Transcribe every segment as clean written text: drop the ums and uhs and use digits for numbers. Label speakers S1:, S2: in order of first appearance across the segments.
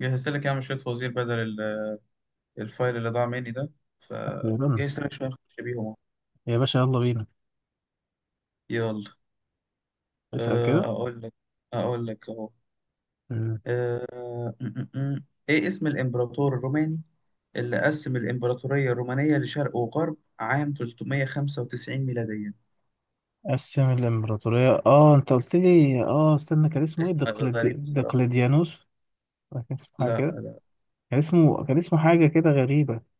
S1: جهزت لك يا عم شوية فوازير بدل الفايل اللي ضاع مني ده
S2: تمام.
S1: فجهزت لك شوية نخش بيهم أهو.
S2: يا باشا، يلا بينا.
S1: يلا،
S2: اسأل كده.
S1: أقول لك، أهو
S2: مم.
S1: آه، م- م- م. إيه اسم الإمبراطور الروماني اللي قسم الإمبراطورية الرومانية لشرق وغرب عام 395 ميلاديا؟
S2: قسم الإمبراطورية، انت قلت لي، استنى كان اسمه ايه؟
S1: اسم غريب بصراحة.
S2: دقلديانوس. ولا كان اسمه حاجة
S1: لا،
S2: كده. كان اسمه حاجة كده غريبة.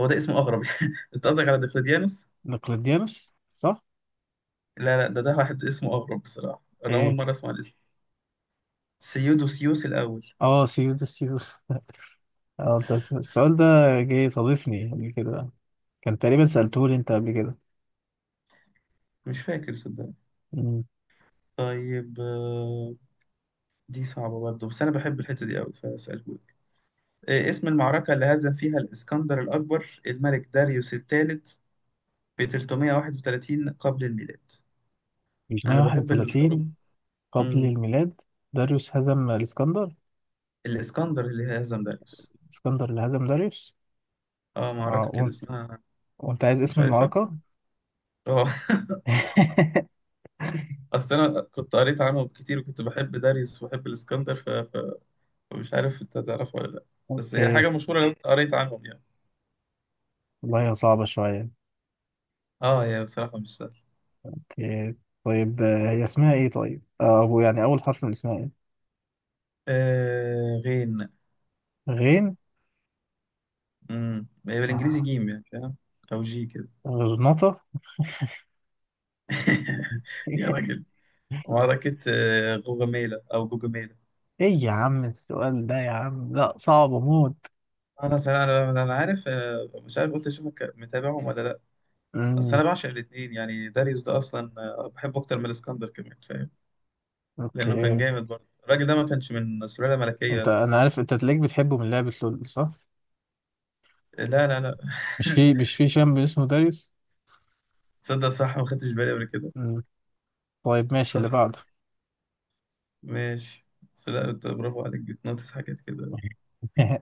S1: هو ده اسمه أغرب. أنت قصدك على دقيقتيانوس؟
S2: دقلديانوس صح؟
S1: لا لا، ده واحد اسمه أغرب بصراحة، أنا أول
S2: ايه.
S1: مرة أسمع الاسم. سيودوسيوس الأول.
S2: اه، سيودس سيودس. اه، انت السؤال ده جه صادفني قبل كده. كان تقريبا سألته لي انت قبل كده.
S1: مش فاكر صدقني.
S2: مم.
S1: طيب، دي صعبة برضه، بس أنا بحب الحتة دي أوي فأسألهولك. إيه اسم المعركة اللي هزم فيها الإسكندر الأكبر الملك داريوس الثالث ب 331 قبل الميلاد؟ أنا بحب الحروب.
S2: 331 قبل
S1: مم.
S2: الميلاد. داريوس هزم الاسكندر.
S1: الإسكندر اللي هزم داريوس.
S2: الاسكندر اللي هزم داريوس.
S1: آه،
S2: اه
S1: معركة كده
S2: وانت
S1: اسمها.
S2: وانت عايز
S1: مش
S2: اسم
S1: عارفها.
S2: المعركة.
S1: آه. أصل أنا كنت قريت عنهم كتير، وكنت بحب داريوس وبحب الإسكندر ف... ف... فمش عارف أنت تعرفها ولا لأ. بس هي
S2: اوكي.
S1: حاجة مشهورة لو أنت قريت عنهم يعني.
S2: والله هي صعبة شوية.
S1: آه يا بصراحة مش سهل.
S2: اوكي. طيب، هي اسمها ايه طيب؟ أبو يعني، أول حرف من اسمها ايه؟
S1: آه، غين.
S2: غين.
S1: هي بالانجليزي
S2: آه،
S1: جيم، يعني فاهم، او جي كده.
S2: غرناطة.
S1: يا راجل. معركة غوغاميلا او جوجاميلا.
S2: ايه يا عم، السؤال ده يا عم، لا صعب موت.
S1: انا صراحة انا عارف، مش عارف، قلت اشوفك متابعهم ولا لا. بس
S2: امم.
S1: انا بعشق الاثنين، يعني داريوس ده اصلا، بحبه اكتر من الاسكندر كمان، فاهم. لانه كان
S2: اوكي.
S1: جامد برضه الراجل ده، ما كانش من سلالة ملكية يا اسطى.
S2: انا عارف انت تلاقيك بتحبه من لعبة لول، صح؟
S1: لا لا لا.
S2: مش في شامب اسمه داريus.
S1: تصدق صح، ما خدتش بالي قبل كده.
S2: امم. طيب ماشي اللي
S1: صح.
S2: بعده.
S1: ماشي. بس لا، أنت برافو عليك، بتنطس حاجات كده.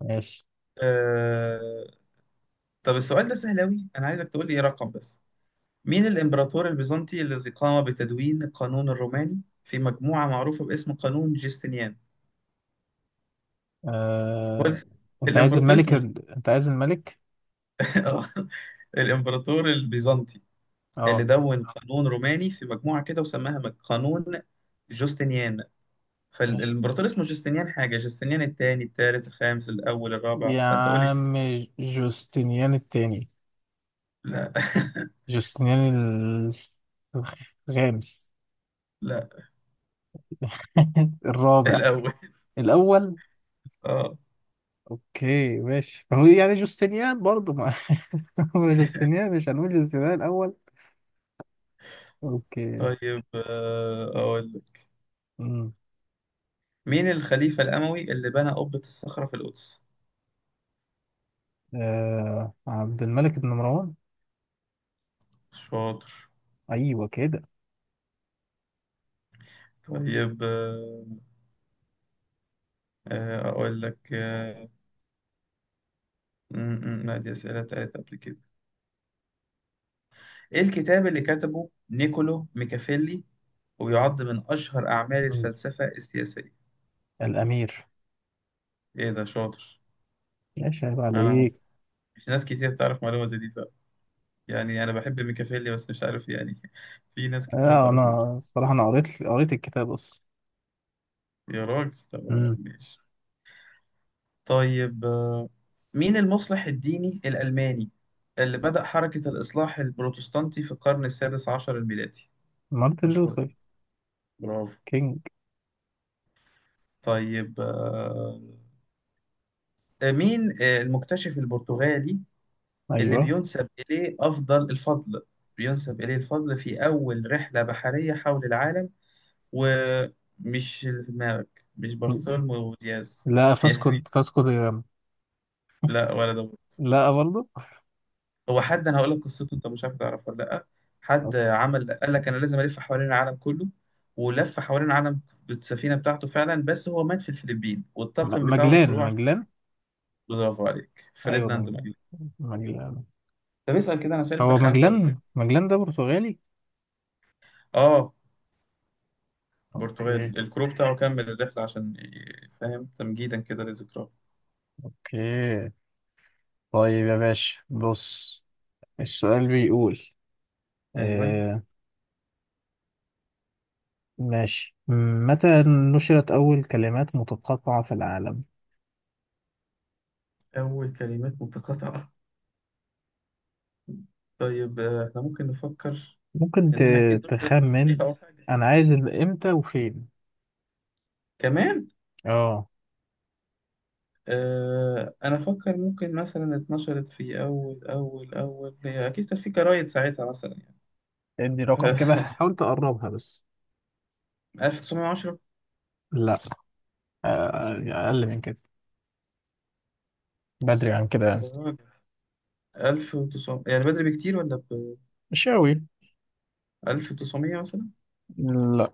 S2: ماشي.
S1: آه... طب السؤال ده سهل أوي، أنا عايزك تقول لي إيه رقم بس. مين الإمبراطور البيزنطي الذي قام بتدوين القانون الروماني في مجموعة معروفة باسم قانون جستنيان؟ هو
S2: آه...
S1: ال- الإمبراطور اسمه
S2: انت عايز الملك؟
S1: آه. الإمبراطور البيزنطي اللي
S2: اه.
S1: دون قانون روماني في مجموعة كده وسماها قانون جوستنيان.
S2: ماشي.
S1: فالإمبراطور اسمه جوستنيان، حاجة جوستنيان الثاني، الثالث، الخامس، الأول، الرابع،
S2: يا
S1: فأنت قول لي
S2: عم، جوستنيان التاني.
S1: لا.
S2: جوستنيان الخامس.
S1: لا.
S2: الرابع.
S1: الأول.
S2: الأول.
S1: اه.
S2: أوكي ماشي، ما هو يعني جوستنيان برضه ما. هو جوستنيان، مش هنقول جوستنيان الأول. أوكي.
S1: طيب، أقول لك.
S2: أمم.
S1: مين الخليفة الأموي اللي بنى قبة الصخرة في القدس؟
S2: عبد الملك بن مروان.
S1: شاطر.
S2: أيوه كده.
S1: طيب، أقول لك. ما دي أسئلة بتاعت قبل كده. إيه الكتاب اللي كتبه نيكولو ميكافيلي ويعد من أشهر أعمال
S2: أمم.
S1: الفلسفة السياسية؟
S2: الأمير.
S1: إيه ده، شاطر.
S2: ماشي، عيب
S1: أنا
S2: عليك.
S1: مش ناس كتير تعرف معلومة زي دي بقى، يعني أنا بحب ميكافيلي بس مش عارف يعني. في ناس كتير ما تعرفوش.
S2: أنا الصراحة، أنا قريت الكتاب أصلا.
S1: يا راجل، طب
S2: أمم.
S1: ماشي. طيب، مين المصلح الديني الألماني اللي بدأ حركة الإصلاح البروتستانتي في القرن السادس عشر الميلادي؟
S2: مارتن
S1: مشهور
S2: لوثر
S1: أوي. برافو.
S2: كينج.
S1: طيب، مين المكتشف البرتغالي اللي
S2: أيوه.
S1: بينسب إليه الفضل، بينسب إليه الفضل في أول رحلة بحرية حول العالم؟ ومش اللي في دماغك مش bartholomew دياز.
S2: لا، فاسكو
S1: يعني
S2: فاسكو دي جاما.
S1: لا، ولا ده.
S2: لا برضه.
S1: هو حد أنا هقول لك قصته، أنت مش عارف تعرفها ولا لأ. حد
S2: أوكي.
S1: عمل قال لك أنا لازم ألف حوالين العالم كله، ولف حوالين العالم بالسفينة بتاعته فعلا، بس هو مات في الفلبين،
S2: م-
S1: والطاقم بتاعه
S2: مجلان
S1: الكروع.
S2: مجلان
S1: برافو عليك،
S2: ايوه
S1: فرديناند.
S2: مجلان. مجلان.
S1: طب اسأل كده، انا سالب ده
S2: هو
S1: خمسة ولا ستة.
S2: مجلان ده برتغالي.
S1: اه.
S2: اوكي.
S1: برتغالي. الكرو بتاعه كمل الرحلة عشان فاهم، تمجيدا كده لذكراه.
S2: اوكي. طيب يا باشا بص، السؤال بيقول،
S1: ايوه.
S2: آه ماشي. متى نشرت أول كلمات متقاطعة في العالم؟
S1: اول كلمات متقاطعة. طيب، احنا ممكن نفكر
S2: ممكن
S1: انها اكيد نشرت في
S2: تخمن.
S1: صحيفة او حاجة
S2: أنا عايز إمتى وفين؟
S1: كمان.
S2: اه
S1: آه، انا افكر ممكن مثلا اتنشرت في اول، هي اكيد كانت في جرايد ساعتها مثلا يعني.
S2: ادي
S1: ف
S2: رقم كده، حاول تقربها بس.
S1: 1910.
S2: لا، أقل من كده، بدري عن كده.
S1: يا راجل. 1900 يعني، بدري بكتير ولا ب
S2: مش أوي.
S1: 1900 مثلا؟
S2: لا،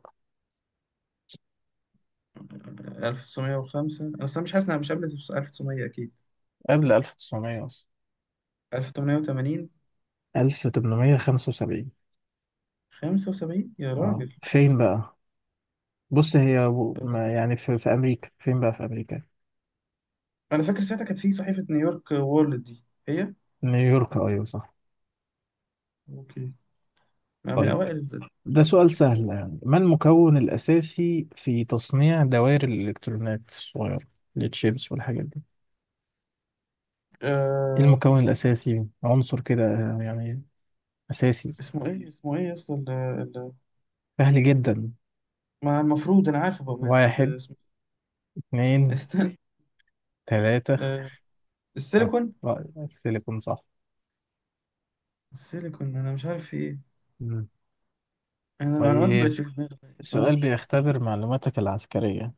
S1: 1905. أنا أصلا مش حاسس إنها مش قبل 1900 أكيد.
S2: قبل 1900 أصلا.
S1: 1880.
S2: 1875.
S1: 75 يا
S2: اه
S1: راجل.
S2: فين بقى؟ بص، هي ما يعني، في, أمريكا. فين بقى؟ في أمريكا.
S1: أنا فاكر ساعتها كانت في صحيفة نيويورك وورلد دي هي.
S2: نيويورك، أيوة صح.
S1: اوكي. أنا من
S2: طيب،
S1: أوائل
S2: ده
S1: الحاجات اللي
S2: سؤال سهل
S1: هناك.
S2: يعني. ما المكون الأساسي في تصنيع دوائر الإلكترونات الصغيرة، التشيبس والحاجات دي؟ إيه
S1: آه...
S2: المكون الأساسي؟ عنصر كده، يعني أساسي.
S1: اسمه إيه، اسمه إيه يا اسطى
S2: سهل جدا.
S1: ما المفروض أنا عارفه بقى،
S2: واحد،
S1: اسمه إيه؟
S2: اتنين،
S1: استنى.
S2: تلاتة.
S1: آه...
S2: اه،
S1: السيليكون.
S2: السيليكون صح.
S1: السيليكون، أنا مش عارف في إيه.
S2: مم.
S1: أنا المعلومات ما
S2: طيب،
S1: بقتش في دماغي
S2: السؤال
S1: أول.
S2: بيختبر معلوماتك العسكرية.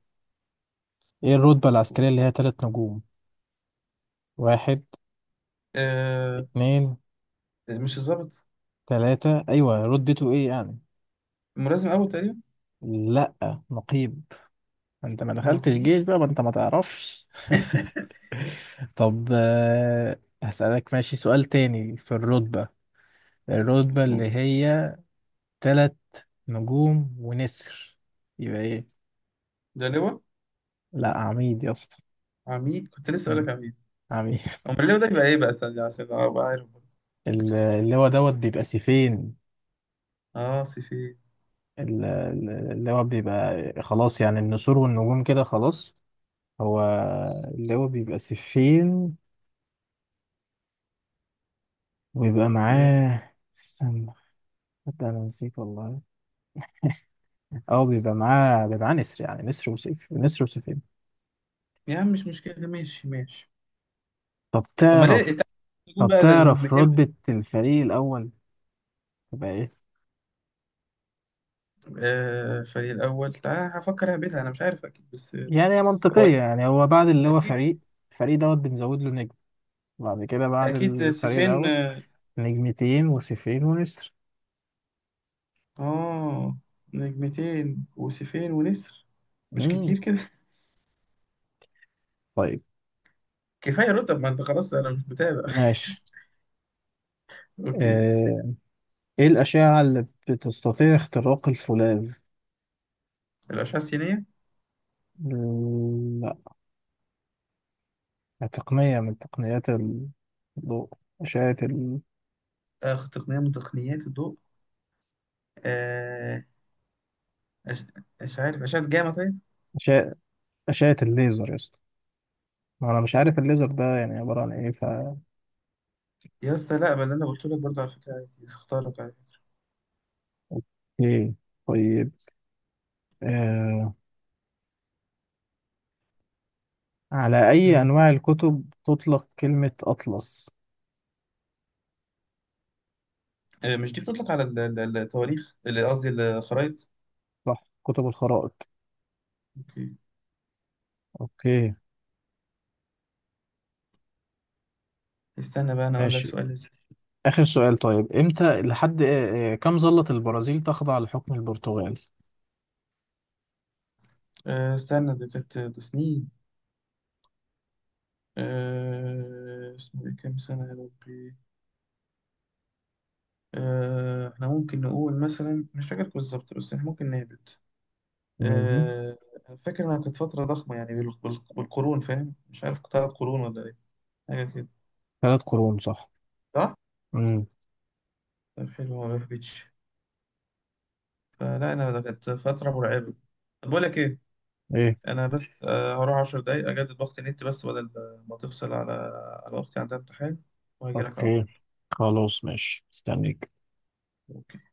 S2: ايه الرتبة العسكرية اللي هي تلات نجوم؟ واحد،
S1: آه...
S2: اتنين،
S1: مش الظابط.
S2: تلاتة. ايوه، رتبته ايه يعني؟
S1: الملازم أول تقريبا.
S2: لا، نقيب. انت ما دخلتش
S1: نقيب.
S2: جيش بقى، ما انت ما تعرفش. طب هسألك ماشي، سؤال تاني في الرتبة. الرتبة اللي هي تلات نجوم ونسر، يبقى ايه؟
S1: ده لواء.
S2: لا، عميد يا اسطى.
S1: عميد، كنت لسه اقول
S2: مم.
S1: لك عميد.
S2: عميد.
S1: امال ليه ده يبقى ايه بقى ثانية، عشان ابقى عارف؟
S2: اللي هو دوت بيبقى سيفين.
S1: اه سيفي.
S2: اللي هو بيبقى خلاص، يعني النسور والنجوم كده خلاص. هو اللي هو بيبقى سفين، ويبقى
S1: ماشي.
S2: معاه، استنى، حتى انا نسيت والله. اه بيبقى معاه، نسر، يعني نسر وسيف، نسر وسيفين.
S1: يا عم مش مشكلة، ماشي ماشي.
S2: طب
S1: امال ليه؟
S2: تعرف
S1: تعال نقول
S2: طب
S1: بقى ده
S2: تعرف
S1: النجمتين.
S2: رتبة الفريق الأول تبقى ايه؟
S1: آه، الفريق الاول، تعال هفكر اهبدها، انا مش عارف اكيد بس،
S2: يعني هي
S1: هو
S2: منطقية
S1: اكيد،
S2: يعني، هو بعد اللي هو
S1: اكيد،
S2: فريق. الفريق دوت بنزود له نجم. بعد كده، بعد
S1: اكيد
S2: الفريق
S1: سيفين.
S2: الأول،
S1: اه،
S2: نجمتين وسيفين ونسر.
S1: آه، نجمتين وسيفين ونسر. مش
S2: مم.
S1: كتير كده.
S2: طيب
S1: كفاية رتب، ما انت خلاص انا مش متابع.
S2: ماشي،
S1: اوكي.
S2: آه، ايه الأشعة اللي بتستطيع اختراق الفولاذ؟
S1: الاشعة السينية.
S2: ال- لا، تقنية من تقنيات الضوء. أشعة ال...
S1: آه، تقنية من تقنيات الضوء. آه أش... مش عارف، اشعة جاما طيب؟
S2: أشعة أشعة الليزر يا اسطى. ما أنا مش عارف الليزر ده يعني عبارة عن إيه، ف
S1: يا اسطى لا، ما اللي انا قلت لك برضه، على فكره عادي، اختارك عادي.
S2: إيه. طيب آه... على أي
S1: امم.
S2: أنواع الكتب تطلق كلمة أطلس؟
S1: مش دي بتطلق على التواريخ، اللي قصدي الخرايط.
S2: صح، كتب الخرائط.
S1: اوكي.
S2: أوكي.
S1: استنى بقى انا اقول لك
S2: ماشي.
S1: سؤال يا سيدي.
S2: آخر سؤال، طيب إمتى لحد آه... آه، كم ظلت البرازيل تخضع لحكم البرتغال؟
S1: استنى، دي كانت ده سنين. اسمه ايه، كام سنه يا ربي. احنا ممكن نقول مثلا، مش فاكر بالظبط بس احنا ممكن نهبط.
S2: مهم.
S1: آه، فاكر انها كانت فتره ضخمه، يعني بالقرون فاهم، مش عارف 3 قرون ولا ايه، حاجه كده.
S2: ثلاث قرون صح.
S1: صح.
S2: مم.
S1: طب حلو، ما بهبطش. فلا انا ده كانت فتره مرعبه. طب بقول لك ايه،
S2: ايه.
S1: انا بس هروح 10 دقايق اجدد باقة النت، بس بدل ما تفصل على، على اختي عندها امتحان، وهجي لك على طول.
S2: اوكي خلاص، ماشي، استنيك.
S1: اوكي